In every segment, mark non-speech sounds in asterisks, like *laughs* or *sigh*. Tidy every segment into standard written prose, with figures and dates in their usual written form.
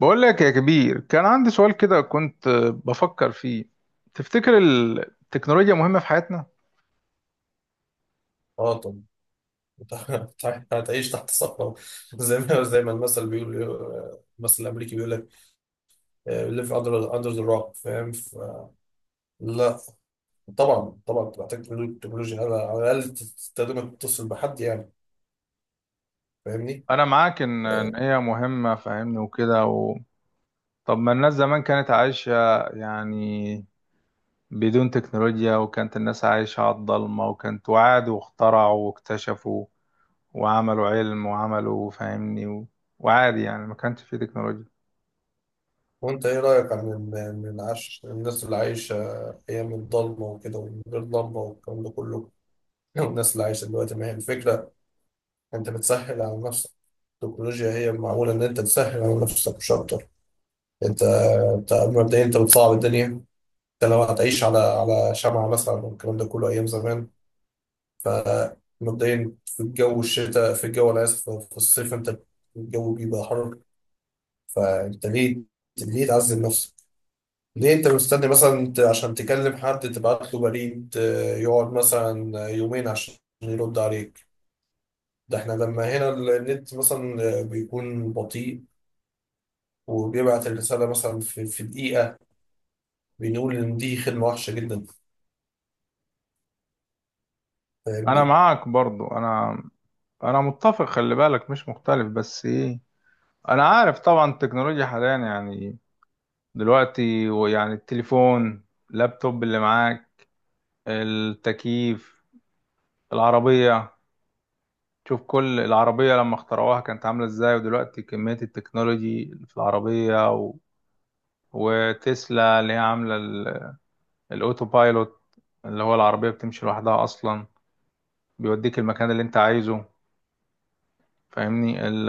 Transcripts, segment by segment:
بقول لك يا كبير، كان عندي سؤال كده كنت بفكر فيه. تفتكر التكنولوجيا مهمة في حياتنا؟ اه طب. *laughs* هتعيش تحت صخرة. *laughs* زي ما المثل بيقول، المثل الأمريكي بيقول لك ليف أندر ذا روك، فاهم لا. طبعا طبعا بتحتاج تكنولوجيا على الأقل تستخدمها تتصل بحد يعني، فاهمني. أنا معاك إن آه، هي مهمة فاهمني وكده و... طب ما الناس زمان كانت عايشة يعني بدون تكنولوجيا، وكانت الناس عايشة على الضلمة، وكانت وعادوا واخترعوا واكتشفوا وعملوا علم وعملوا فاهمني و... وعادي يعني ما كانش فيه تكنولوجيا. وأنت إيه رأيك عن عن العش الناس اللي عايشة أيام الضلمة وكده ومن غير لمبة والكلام ده كله. *laughs* والناس اللي عايشة دلوقتي، ما هي الفكرة، أنت بتسهل على نفسك. التكنولوجيا هي معمولة إن أنت تسهل على نفسك مش أكتر. انت انت مبدئيا انت بتصعب الدنيا. انت لو هتعيش على شمعة مثلا والكلام ده كله ايام زمان، فمبدئيا في الجو الشتاء في الجو، انا اسف، في الصيف انت الجو بيبقى حر. فانت ليه، ليه تعذب نفسك؟ ليه انت مستني مثلا عشان تكلم حد تبعت له بريد يقعد مثلا يومين عشان يرد عليك. ده احنا لما هنا النت مثلا بيكون بطيء وبيبعت الرسالة مثلا في دقيقة، بنقول إن دي خدمة وحشة جدا. أنا فاهمني؟ معاك برضو، أنا متفق، خلي بالك مش مختلف، بس إيه، انا عارف طبعا التكنولوجيا حاليا يعني دلوقتي، ويعني التليفون، اللابتوب اللي معاك، التكييف، العربية. شوف كل العربية لما اخترعوها كانت عاملة ازاي، ودلوقتي كمية التكنولوجي في العربية و... وتسلا اللي هي عاملة الاوتو بايلوت، اللي هو العربية بتمشي لوحدها اصلا، بيوديك المكان اللي انت عايزه. فاهمني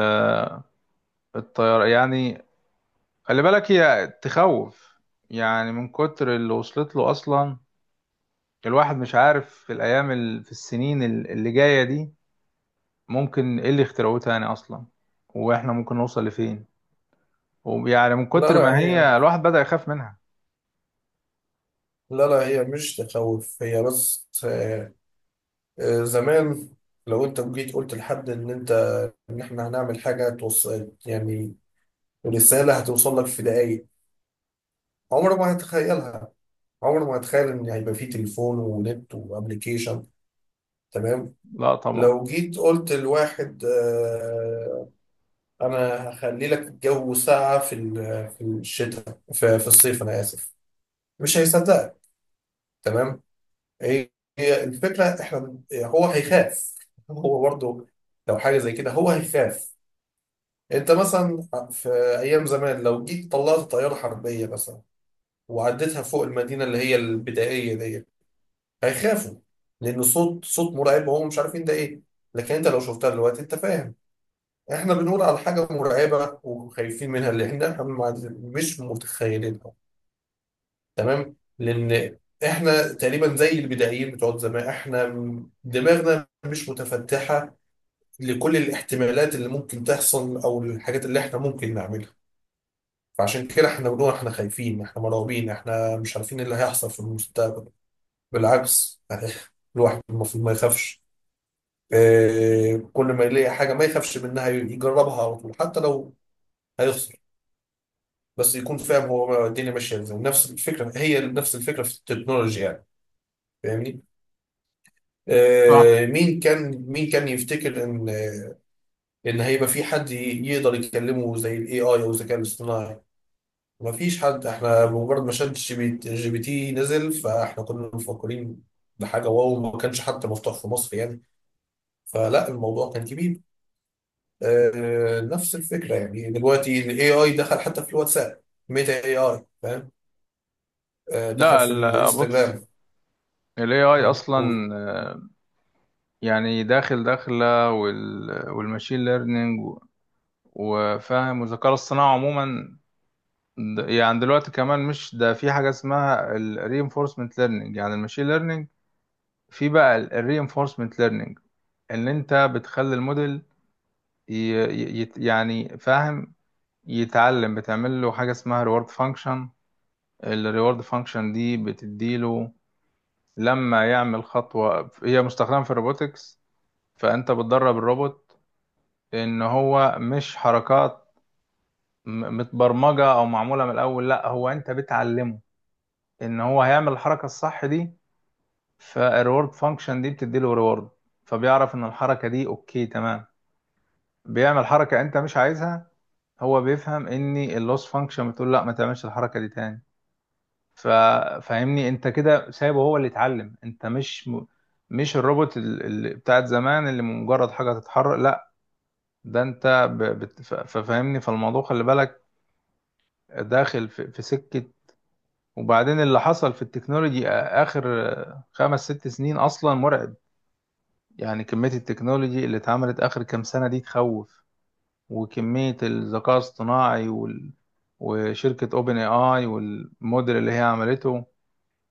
الطيارة يعني. خلي بالك هي تخوف يعني، من كتر اللي وصلت له اصلا. الواحد مش عارف في في اللي جايه دي ممكن ايه اللي اخترعوه تاني اصلا، واحنا ممكن نوصل لفين. ويعني من لا كتر لا ما هي هي، الواحد بدأ يخاف منها. لا لا، هي مش تخوف، هي بس زمان لو انت جيت قلت لحد ان انت، ان احنا هنعمل حاجه توصل يعني، رساله هتوصل لك في دقايق، عمره ما هتخيلها. عمره ما هتخيل ان هيبقى فيه تليفون ونت وابلكيشن، تمام. لا طبعا. لو جيت قلت لواحد انا هخلي لك الجو ساقع في في الشتاء في الصيف، انا اسف، مش هيصدقك، تمام. هي هي الفكره احنا، هو هيخاف، هو برضه لو حاجه زي كده هو هيخاف. انت مثلا في ايام زمان لو جيت طلعت طياره حربيه مثلا وعديتها فوق المدينه اللي هي البدائيه دي، هيخافوا، لان صوت مرعب وهم مش عارفين ده ايه. لكن انت لو شفتها دلوقتي انت فاهم، احنا بنقول على حاجه مرعبه وخايفين منها اللي احنا مش متخيلينها. تمام، لان احنا تقريبا زي البدائيين بتوع زمان، احنا دماغنا مش متفتحه لكل الاحتمالات اللي ممكن تحصل او الحاجات اللي احنا ممكن نعملها. فعشان كده احنا بنقول احنا خايفين، احنا مرعوبين، احنا مش عارفين إيه اللي هيحصل في المستقبل. بالعكس *laughs* يعني الواحد المفروض ما يخافش. كل ما يلاقي حاجه ما يخافش منها، يجربها على طول حتى لو هيخسر، بس يكون فاهم هو الدنيا ماشيه ازاي. نفس الفكره، هي نفس الفكره في التكنولوجيا يعني، فاهمني. صح. مين كان يفتكر ان ان هيبقى في حد يقدر يكلمه زي الاي اي او الذكاء الاصطناعي؟ مفيش حد. احنا بمجرد ما شات جي بي جي بي تي نزل، فاحنا كنا مفكرين بحاجه واو، ما كانش حتى مفتوح في مصر يعني، فلا الموضوع كان كبير. نفس الفكره يعني، دلوقتي الاي اي دخل حتى في الواتساب، ميتا اي اي فاهم. دخل لا في بص، الانستجرام. ال AI مم، قول. أصلا، يعني داخلة وال والماشين ليرنينج، وفاهم، والذكاء الاصطناعي عموما. يعني دلوقتي كمان مش ده في حاجة اسمها ال reinforcement learning، يعني الماشين ليرنينج في بقى ال reinforcement learning. ان انت بتخلي الموديل يعني فاهم، يتعلم. بتعمل له حاجه اسمها ريورد فانكشن. الريورد فانكشن دي بتديله لما يعمل خطوه، هي مستخدمه في الروبوتكس. فانت بتدرب الروبوت ان هو مش حركات متبرمجه او معموله من الاول، لا هو انت بتعلمه ان هو هيعمل الحركه الصح دي. فالريورد فانكشن دي بتديله ريورد، فبيعرف ان الحركه دي اوكي تمام. بيعمل حركه انت مش عايزها، هو بيفهم ان اللوس فانكشن بتقول لا ما تعملش الحركه دي تاني. ف... فاهمني، انت كده سايبه هو اللي يتعلم، انت مش الروبوت اللي بتاعت زمان، اللي مجرد حاجه تتحرك، لا. ده انت ففاهمني، فالموضوع خلي بالك داخل في سكه. وبعدين اللي حصل في التكنولوجي اخر خمس ست سنين اصلا مرعب. يعني كميه التكنولوجي اللي اتعملت اخر كام سنه دي تخوف، وكمية الذكاء الاصطناعي وال... وشركة اوبن اي اي، والموديل اللي هي عملته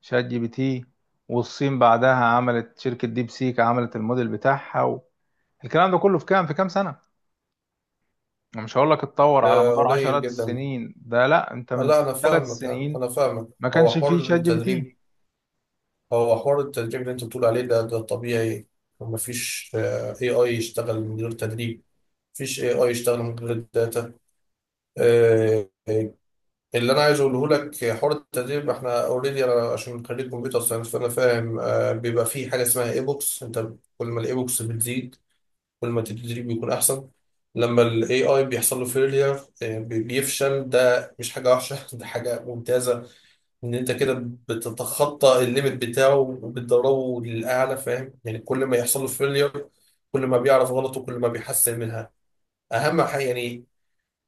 شات جي بي تي، والصين بعدها عملت شركة ديب سيك، عملت الموديل بتاعها و... الكلام ده كله في كام في كام سنة. أنا مش هقول لك اتطور على مدار قليل عشرات جدا. السنين ده، لا انت من لا انا ثلاث فاهمك، انا سنين أنا فاهمك. ما هو كانش فيه حوار شات جي بي التدريب تي. هو حوار التدريب اللي انت بتقول عليه ده طبيعي، ومفيش اي اي يشتغل من غير تدريب، مفيش اي اي يشتغل من غير الداتا. آه، آه، اللي انا عايز اقوله لك، حوار التدريب احنا اوريدي، انا عشان خريج كمبيوتر ساينس فانا فاهم. بيبقى في حاجه اسمها اي بوكس. انت كل ما الاي بوكس بتزيد كل ما التدريب بيكون احسن. لما الاي اي بيحصل له فيلير، بيفشل، ده مش حاجه وحشه، *laughs* ده حاجه ممتازه. ان انت كده بتتخطى الليميت بتاعه وبتدربه للاعلى، فاهم يعني كل ما يحصل له فيلير كل ما بيعرف غلطه كل ما بيحسن منها، اهم حاجه يعني.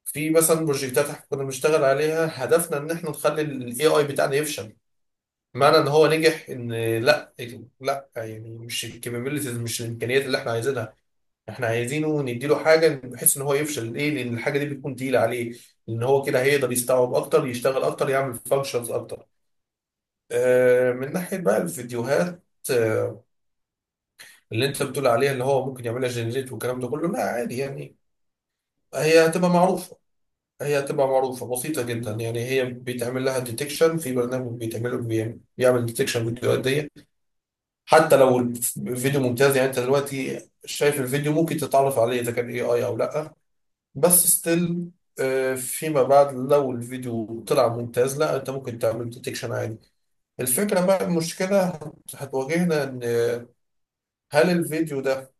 في مثلا بروجكتات احنا كنا بنشتغل عليها، هدفنا ان احنا نخلي الاي اي بتاعنا يفشل. معنى ان هو نجح ان لا، لا يعني مش الكابابيلتيز، مش الامكانيات اللي احنا عايزينها. احنا عايزينه نديله حاجه بحيث ان هو يفشل. ليه؟ لان الحاجه دي بتكون تقيله عليه، ان هو كده هيقدر يستوعب اكتر، يشتغل اكتر، يعمل فانكشنز اكتر. من ناحية بقى الفيديوهات آه، اللي انت بتقول عليها اللي هو ممكن يعملها جنريت والكلام ده كله، لا عادي يعني. هي هتبقى معروفة هي هتبقى معروفة بسيطة جدا يعني، هي بيتعمل لها ديتكشن، في برنامج بيتعمله بيعمل ديتكشن فيديوهات دي. حتى لو الفيديو ممتاز، يعني انت دلوقتي شايف الفيديو ممكن تتعرف عليه اذا كان اي اي او لا، بس ستيل فيما بعد لو الفيديو طلع ممتاز، لا انت ممكن تعمل ديتكشن عادي. الفكرة بقى، المشكلة هتواجهنا ان هل الفيديو ده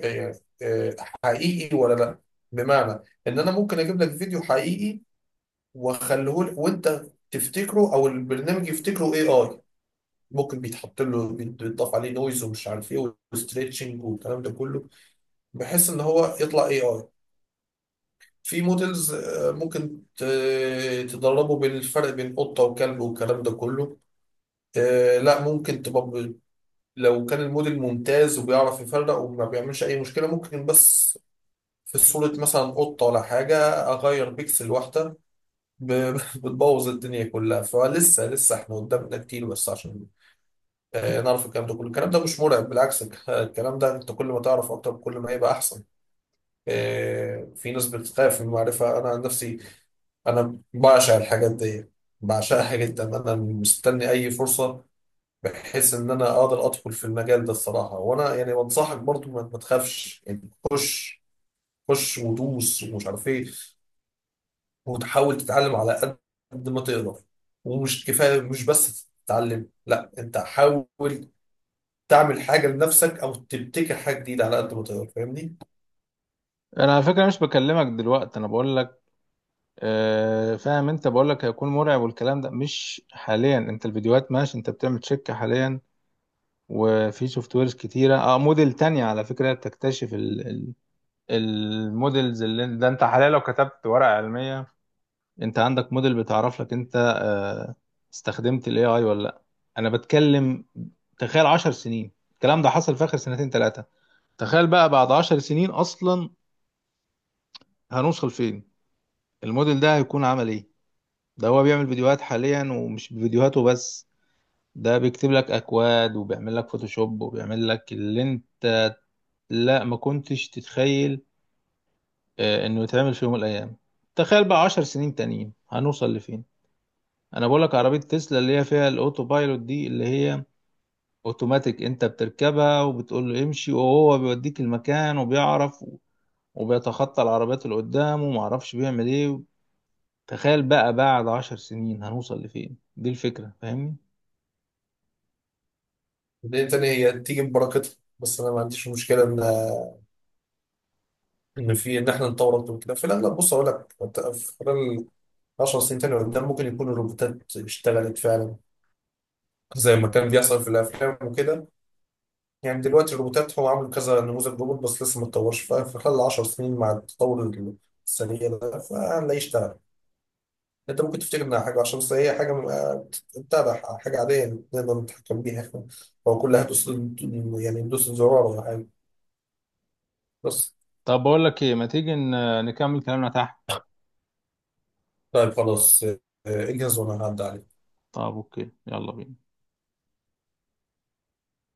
آه، آه، حقيقي ولا لا. بمعنى ان انا ممكن اجيب لك فيديو حقيقي واخليه لك، وانت تفتكره او البرنامج يفتكره اي اي. ممكن بيتحط له بيتضاف عليه نويز ومش عارف ايه وستريتشنج والكلام ده كله بحيث ان هو يطلع اي اي. في موديلز ممكن تدربه بالفرق بين قطه وكلب والكلام ده كله. لا ممكن تبقى، لو كان الموديل ممتاز وبيعرف يفرق وما بيعملش اي مشكله ممكن، بس في صورة مثلا قطة ولا حاجة أغير بيكسل واحدة، *laughs* بتبوظ الدنيا كلها. فلسه لسه احنا قدامنا كتير بس عشان نعرف الكلام ده كله. الكلام ده مش مرعب، بالعكس، الكلام ده انت كل ما تعرف أكتر كل ما هيبقى أحسن. في ناس بتخاف من المعرفة. أنا عن نفسي أنا بعشق الحاجات دي، بعشقها جدا، أنا مستني أي فرصة بحيث إن أنا أقدر أدخل في المجال ده الصراحة. وأنا يعني بنصحك برضو ما تخافش يعني، خش، خش ودوس ومش عارف إيه، وتحاول تتعلم على قد ما تقدر. ومش كفاية مش بس تتعلم، لا انت حاول تعمل حاجة لنفسك او تبتكر حاجة جديدة على قد ما تقدر، فاهمني؟ انا على فكرة مش بكلمك دلوقتي، انا بقول لك آه فاهم، انت بقول لك هيكون مرعب والكلام ده مش حاليا. انت الفيديوهات ماشي، انت بتعمل شركة حاليا، وفي سوفت ويرز كتيرة اه، موديل تانية على فكرة بتكتشف ال الموديلز اللي ده. انت حاليا لو كتبت ورقة علمية، انت عندك موديل بتعرف لك انت استخدمت الاي اي ولا لا. انا بتكلم، تخيل 10 سنين، الكلام ده حصل في اخر سنتين ثلاثة، تخيل بقى بعد 10 سنين اصلا هنوصل فين، الموديل ده هيكون عمل ايه. ده هو بيعمل فيديوهات حاليا، ومش فيديوهاته بس، ده بيكتب لك اكواد، وبيعمل لك فوتوشوب، وبيعمل لك اللي انت، لا ما كنتش تتخيل انه يتعمل في يوم من الايام. تخيل بقى 10 سنين تانيين هنوصل لفين. انا بقول لك عربية تسلا اللي هي فيها الاوتو بايلوت دي، اللي هي اوتوماتيك، انت بتركبها وبتقول له امشي، وهو بيوديك المكان، وبيعرف وبيتخطى العربيات اللي قدامه، ومعرفش بيعمل ايه. تخيل بقى بعد عشر سنين هنوصل لفين، دي الفكرة فاهمني. لان تاني هي تيجي ببركتها، بس انا ما عنديش مشكلة ان ان في ان احنا نطور اكتر من كده في الاغلب. بص اقول لك انت، في خلال 10 سنين تاني قدام ممكن يكون الروبوتات اشتغلت فعلا زي ما كان بيحصل في الافلام وكده. يعني دلوقتي الروبوتات، هو عامل كذا نموذج روبوت بس لسه ما اتطورش، في خلال 10 سنين مع التطور السريع ده فهنلاقيه اشتغل. انت ممكن تفتكر انها حاجه، عشان بس هي حاجه تتابع، حاجه عاديه نقدر نتحكم بيها احنا، هو كلها دوس يعني، ندوس الزرار ولا حاجه بس. طب بقول لك ايه، ما تيجي نكمل كلامنا تحت. طيب خلاص اجهز وانا هعدي عليك. طب اوكي، يلا بينا.